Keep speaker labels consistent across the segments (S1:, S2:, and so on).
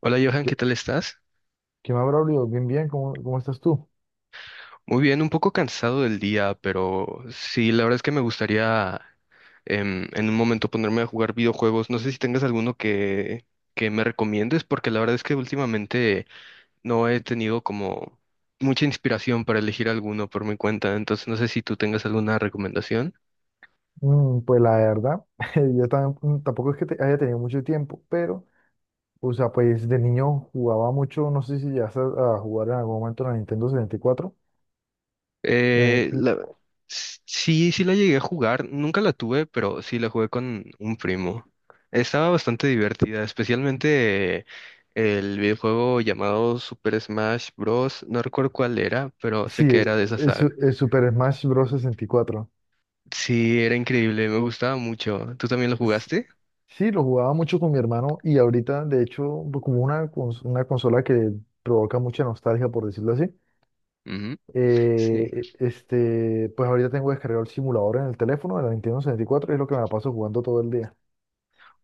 S1: Hola Johan,
S2: ¿Qué,
S1: ¿qué tal estás?
S2: qué más, Braulio? Bien, bien, ¿cómo estás tú?
S1: Muy bien, un poco cansado del día, pero sí, la verdad es que me gustaría en un momento ponerme a jugar videojuegos. No sé si tengas que me recomiendes, porque la verdad es que últimamente no he tenido como mucha inspiración para elegir alguno por mi cuenta, entonces no sé si tú tengas alguna recomendación.
S2: Pues la verdad, yo también, tampoco es que haya tenido mucho tiempo, pero, o sea, pues de niño jugaba mucho, no sé si llegaste a jugar en algún momento la Nintendo 64. La Ni-
S1: Eh,
S2: Ni-
S1: la- sí, sí la llegué a jugar, nunca la tuve, pero sí la jugué con un primo. Estaba bastante divertida, especialmente el videojuego llamado Super Smash Bros. No recuerdo cuál era, pero sé
S2: Sí,
S1: que era de esa
S2: es,
S1: saga.
S2: es Super Smash Bros. 64.
S1: Sí, era increíble, me gustaba mucho. ¿Tú también lo
S2: Es-
S1: jugaste?
S2: sí, lo jugaba mucho con mi hermano y ahorita, de hecho, pues, como una consola que provoca mucha nostalgia, por decirlo así. Eh,
S1: Sí.
S2: pues ahorita tengo descargado el simulador en el teléfono de la Nintendo 64 y cuatro, y es lo que me la paso jugando todo el día.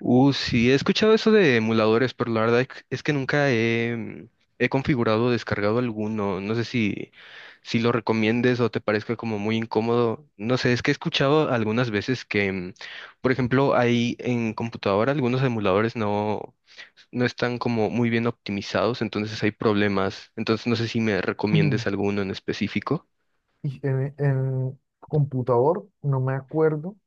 S1: Sí, he escuchado eso de emuladores, pero la verdad es que nunca he, he configurado o descargado alguno. No sé si, si lo recomiendes o te parezca como muy incómodo. No sé, es que he escuchado algunas veces que, por ejemplo, hay en computadora algunos emuladores no, no están como muy bien optimizados, entonces hay problemas. Entonces no sé si me recomiendes alguno en específico.
S2: Y en computador no me acuerdo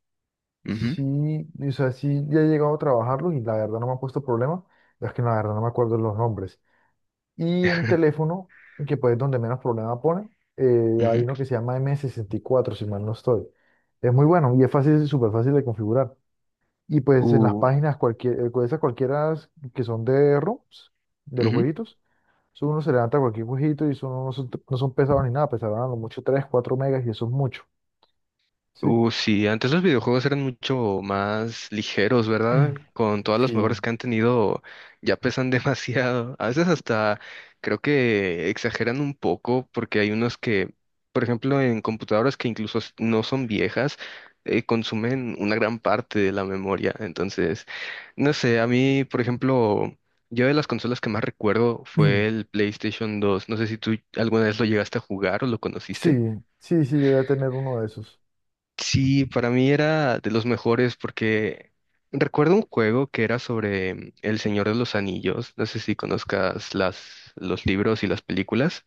S1: Ujú.
S2: si, o sea, si ya he llegado a trabajarlo y la verdad no me ha puesto problema, es que la verdad no me acuerdo los nombres. Y en teléfono, que pues es donde menos problema pone, hay
S1: Ujú.
S2: uno que se llama M64, si mal no estoy. Es muy bueno y es fácil, súper fácil de configurar. Y pues en las
S1: Uh,
S2: páginas cualquier, esas cualquiera que son de ROMs, de los
S1: ujú.
S2: jueguitos, eso uno se levanta cualquier jueguito y eso no son pesados ni nada, pesaban a lo mucho 3 4 megas y eso es mucho, ¿sí?
S1: Sí, antes los videojuegos eran mucho más ligeros, ¿verdad? Con todas las
S2: Sí.
S1: mejoras que han tenido, ya pesan demasiado. A veces hasta creo que exageran un poco porque hay unos que, por ejemplo, en computadoras que incluso no son viejas, consumen una gran parte de la memoria. Entonces, no sé, a mí, por ejemplo, yo de las consolas que más recuerdo fue el PlayStation 2. No sé si tú alguna vez lo llegaste a jugar o lo
S2: Sí,
S1: conociste.
S2: sí, sí, yo voy a tener uno de esos.
S1: Sí, para mí era de los mejores porque recuerdo un juego que era sobre El Señor de los Anillos. No sé si conozcas los libros y las películas.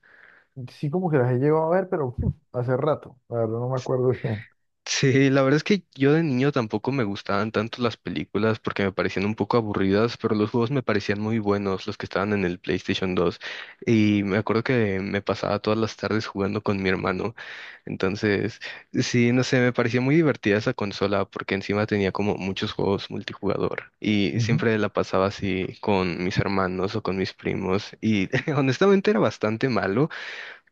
S2: Sí, como que las he llegado a ver, pero hace rato, la verdad no me acuerdo bien.
S1: Sí, la verdad es que yo de niño tampoco me gustaban tanto las películas porque me parecían un poco aburridas, pero los juegos me parecían muy buenos, los que estaban en el PlayStation dos. Y me acuerdo que me pasaba todas las tardes jugando con mi hermano. Entonces, sí, no sé, me parecía muy divertida esa consola porque encima tenía como muchos juegos multijugador y
S2: Ujú.
S1: siempre la pasaba así con mis hermanos o con mis primos y honestamente era bastante malo,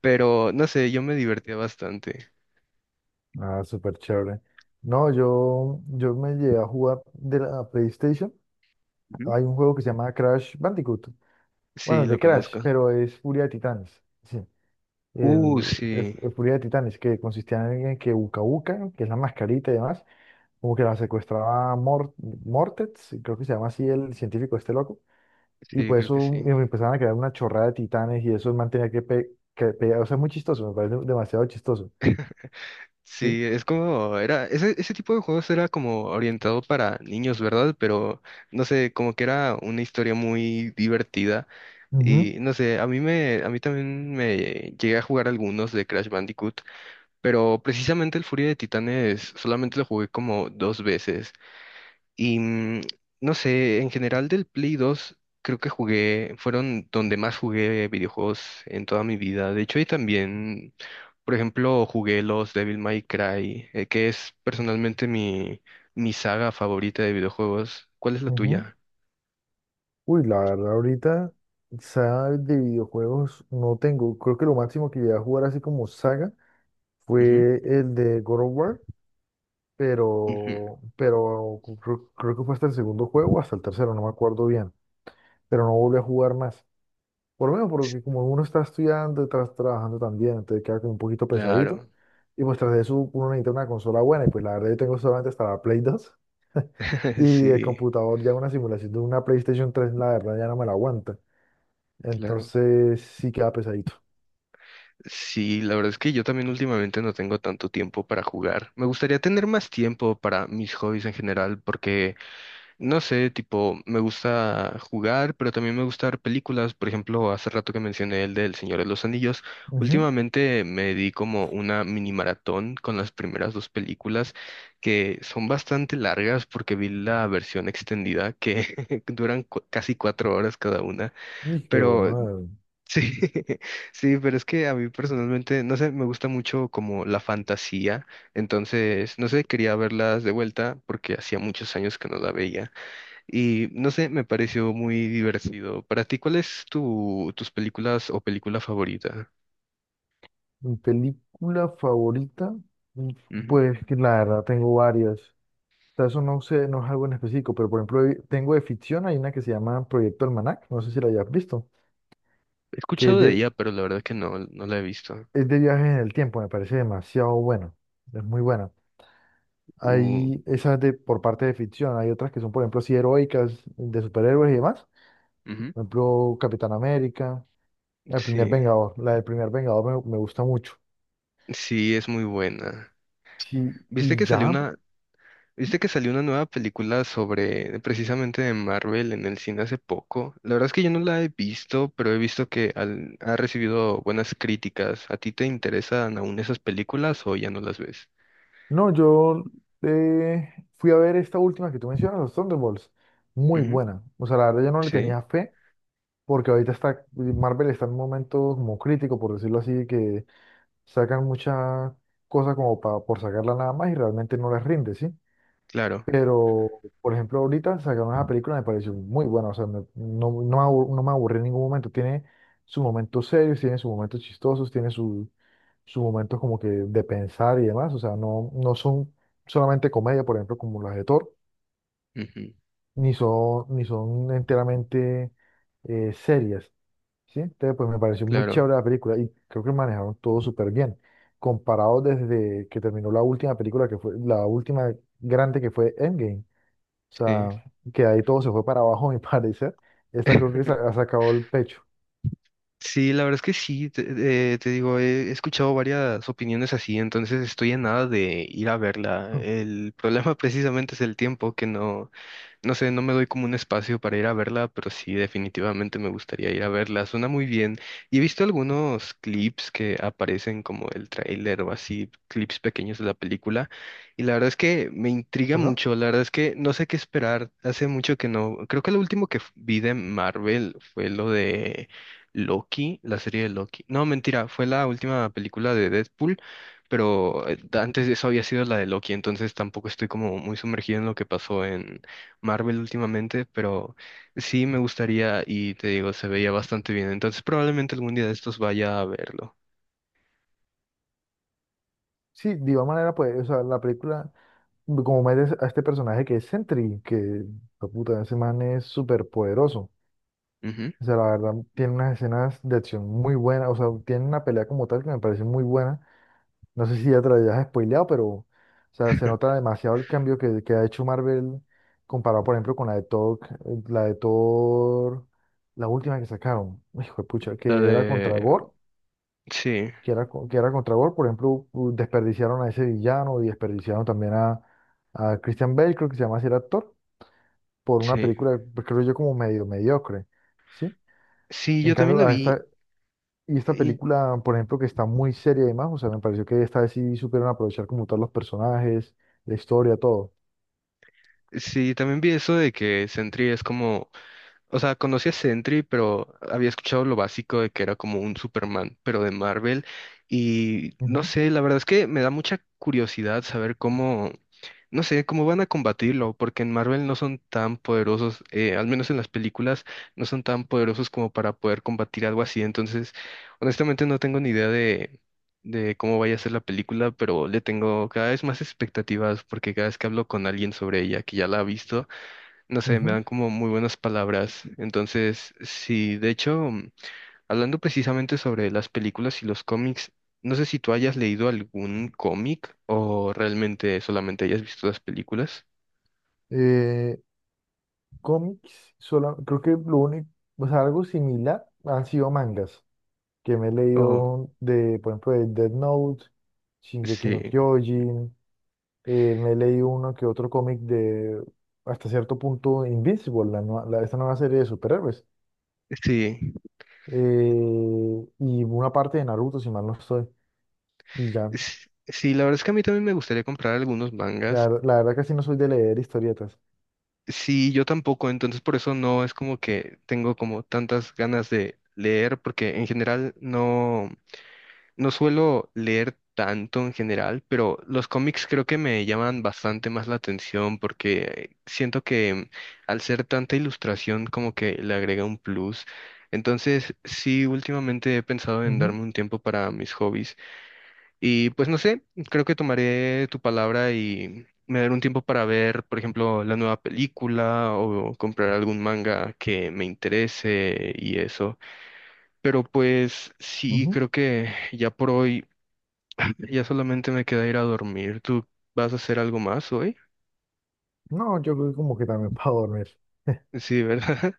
S1: pero no sé, yo me divertía bastante.
S2: Ah, súper chévere. No, yo me llegué a jugar de la PlayStation.
S1: Ujú.
S2: Hay un juego que se llama Crash Bandicoot. Bueno,
S1: Sí, lo
S2: de Crash,
S1: conozco.
S2: pero es Furia de Titanes. Sí. El, el
S1: Sí,
S2: el Furia de Titanes, que consistía en que Uka Uka, que es la mascarita y demás, como que la secuestraba Mortex, creo que se llama así el científico este loco, y
S1: sí,
S2: pues
S1: creo que
S2: eso y
S1: sí.
S2: empezaban a crear una chorrada de titanes y eso el man tenía que, o sea, es muy chistoso, me parece demasiado chistoso. ¿Sí?
S1: Sí, es ese tipo de juegos era como orientado para niños, ¿verdad? Pero no sé, como que era una historia muy divertida.
S2: Ujú,
S1: Y no sé, a mí también me llegué a jugar algunos de Crash Bandicoot, pero precisamente el Furia de Titanes solamente lo jugué como dos veces. Y no sé, en general del Play 2 creo que jugué, fueron donde más jugué videojuegos en toda mi vida. De hecho, y también, por ejemplo, jugué los Devil May Cry, que es personalmente mi saga favorita de videojuegos. ¿Cuál es la
S2: ujú.
S1: tuya?
S2: Uy, la verdad, ahorita, saga de videojuegos no tengo. Creo que lo máximo que llegué a jugar así como saga
S1: Ujú,
S2: fue el de God of War,
S1: ujú.
S2: pero creo que fue hasta el segundo juego, hasta el tercero, no me acuerdo bien, pero no volví a jugar más. Por lo menos porque como uno está estudiando y trabajando también, entonces queda como un poquito pesadito.
S1: Claro,
S2: Y pues tras de eso uno necesita una consola buena y pues la verdad yo tengo solamente hasta la Play 2, y el
S1: sí,
S2: computador ya una simulación de una PlayStation 3 la verdad ya no me la aguanta.
S1: claro.
S2: Entonces sí queda pesadito.
S1: Sí, la verdad es que yo también últimamente no tengo tanto tiempo para jugar. Me gustaría tener más tiempo para mis hobbies en general porque... No sé, tipo, me gusta jugar, pero también me gusta ver películas. Por ejemplo, hace rato que mencioné el del Señor de los Anillos.
S2: Ujú.
S1: Últimamente me di como una mini maratón con las primeras dos películas, que son bastante largas porque vi la versión extendida que duran casi cuatro horas cada una.
S2: Y qué
S1: Pero
S2: bueno.
S1: sí, sí, pero es que a mí personalmente, no sé, me gusta mucho como la fantasía. Entonces, no sé, quería verlas de vuelta porque hacía muchos años que no la veía. Y no sé, me pareció muy divertido. Para ti, ¿cuál es tus películas o película favorita?
S2: Mi película favorita, mm,
S1: Ujú.
S2: pues que la verdad tengo varias. Sea, eso no sé, no es algo en específico, pero por ejemplo, tengo de ficción, hay una que se llama Proyecto Almanac, no sé si la hayas visto,
S1: He
S2: que es
S1: escuchado de
S2: de,
S1: ella, pero la verdad que no la he visto.
S2: es de viajes en el tiempo, me parece demasiado buena, es muy buena.
S1: Uh,
S2: Hay esas de, por parte de ficción, hay otras que son, por ejemplo, así heroicas, de superhéroes y demás,
S1: Ujú.
S2: por ejemplo, Capitán América, El Primer
S1: Sí,
S2: Vengador, la del Primer Vengador me, gusta mucho.
S1: sí, es muy buena.
S2: Sí,
S1: ¿Viste
S2: y
S1: que salió
S2: ya,
S1: una, ¿viste que salió una nueva película sobre precisamente de Marvel en el cine hace poco? La verdad es que yo no la he visto, pero he visto que ha recibido buenas críticas. ¿A ti te interesan aún esas películas o ya no las ves?
S2: no, yo eh, fui a ver esta última que tú mencionas, los Thunderbolts, muy
S1: Ujú,
S2: buena, o sea, la verdad yo no le
S1: sí,
S2: tenía fe porque ahorita Marvel está en un momento como crítico, por decirlo así, que sacan muchas cosas como por sacarla nada más y realmente no les rinde, ¿sí?
S1: claro.
S2: Pero, por ejemplo, ahorita sacaron esa película, me pareció muy buena, o sea, no, no, no me aburrí en ningún momento, tiene sus momentos serios, tiene sus momentos chistosos, tiene su sus momentos como que de pensar y demás, o sea, no, no son solamente comedia, por ejemplo, como las de Thor, ni son enteramente serias, ¿sí? Entonces, pues me pareció muy
S1: Claro,
S2: chévere la película y creo que manejaron todo súper bien. Comparado desde que terminó la última película, que fue la última grande que fue Endgame. O
S1: sí.
S2: sea, que ahí todo se fue para abajo, a mi parecer. Esta creo que se ha sacado el pecho.
S1: Sí, la verdad es que sí, te digo, he escuchado varias opiniones así, entonces estoy en nada de ir a verla.
S2: Mm,
S1: El problema precisamente es el tiempo, que no, no sé, no me doy como un espacio para ir a verla, pero sí, definitivamente me gustaría ir a verla. Suena muy bien. Y he visto algunos clips que aparecen como el tráiler o así, clips pequeños de la película, y la verdad es que me intriga
S2: ¿Perdón?
S1: mucho, la verdad es que no sé qué esperar. Hace mucho que no, creo que lo último que vi de Marvel fue lo de... Loki, la serie de Loki. No, mentira, fue la última película de Deadpool, pero antes de eso había sido la de Loki, entonces tampoco estoy como muy sumergido en lo que pasó en Marvel últimamente, pero sí me gustaría y te digo, se veía bastante bien, entonces probablemente algún día de estos vaya a verlo.
S2: Sí, de igual manera, pues, o sea, la película, como metes a este personaje que es Sentry, que, la puta, ese man es súper poderoso.
S1: Ujú.
S2: O sea, la verdad, tiene unas escenas de acción muy buenas, o sea, tiene una pelea como tal que me parece muy buena. No sé si ya te lo hayas spoileado, pero o sea, se nota demasiado el cambio que ha hecho Marvel comparado, por ejemplo, con la de Thor, la última que sacaron, hijo de pucha,
S1: La
S2: que era contra
S1: de...
S2: Gore,
S1: Sí,
S2: que era contra Gore, por ejemplo, desperdiciaron a ese villano y desperdiciaron también a, Christian Bale, creo que se llama así el actor, por una
S1: sí.
S2: película, pues, creo yo, como medio mediocre, ¿sí?
S1: Sí,
S2: En
S1: yo también
S2: cambio,
S1: la
S2: a
S1: vi.
S2: esta, Y esta
S1: Y
S2: película, por ejemplo, que está muy seria y demás, o sea, me pareció que esta vez sí supieron aprovechar como todos los personajes, la historia, todo.
S1: sí, también vi eso de que Sentry es como... O sea, conocí a Sentry, pero había escuchado lo básico de que era como un Superman, pero de Marvel. Y no
S2: Ujú,
S1: sé, la verdad es que me da mucha curiosidad saber cómo, no sé, cómo van a combatirlo, porque en Marvel no son tan poderosos, al menos en las películas, no son tan poderosos como para poder combatir algo así. Entonces, honestamente no tengo ni idea de cómo vaya a ser la película, pero le tengo cada vez más expectativas, porque cada vez que hablo con alguien sobre ella, que ya la ha visto, no sé, me
S2: ujú.
S1: dan como muy buenas palabras. Entonces, sí, de hecho, hablando precisamente sobre las películas y los cómics, no sé si tú hayas leído algún cómic o realmente solamente hayas visto las películas.
S2: Eh, Cómics, creo que lo único, o sea, algo similar han sido mangas, que me he
S1: Oh,
S2: leído de, por ejemplo, de Death Note, Shingeki no
S1: sí,
S2: Kyojin, me he leído uno que otro cómic de, hasta cierto punto, Invincible, esta nueva serie de superhéroes,
S1: sí,
S2: y una parte de Naruto, si mal no estoy. Y ya,
S1: sí, la verdad es que a mí también me gustaría comprar algunos
S2: La,
S1: mangas.
S2: verdad la verdad casi no soy de leer historietas.
S1: Sí, yo tampoco, entonces por eso no es como que tengo como tantas ganas de leer, porque en general no. No suelo leer tanto en general, pero los cómics creo que me llaman bastante más la atención porque siento que al ser tanta ilustración como que le agrega un plus. Entonces, sí, últimamente he pensado en
S2: Ujú,
S1: darme un tiempo para mis hobbies y pues no sé, creo que tomaré tu palabra y me daré un tiempo para ver, por ejemplo, la nueva película o comprar algún manga que me interese y eso. Pero pues sí,
S2: ujú.
S1: creo que ya por hoy ya solamente me queda ir a dormir. ¿Tú vas a hacer algo más hoy?
S2: No, yo creo que como que también para dormir.
S1: Sí, ¿verdad?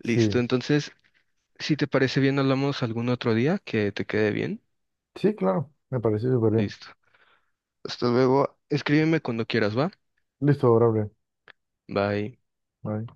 S1: Listo.
S2: Sí,
S1: Entonces, si te parece bien, hablamos algún otro día que te quede bien.
S2: sí, claro, me parece súper bien.
S1: Listo. Hasta luego. Escríbeme cuando quieras, ¿va?
S2: Listo, Gabriel.
S1: Bye.
S2: Bye.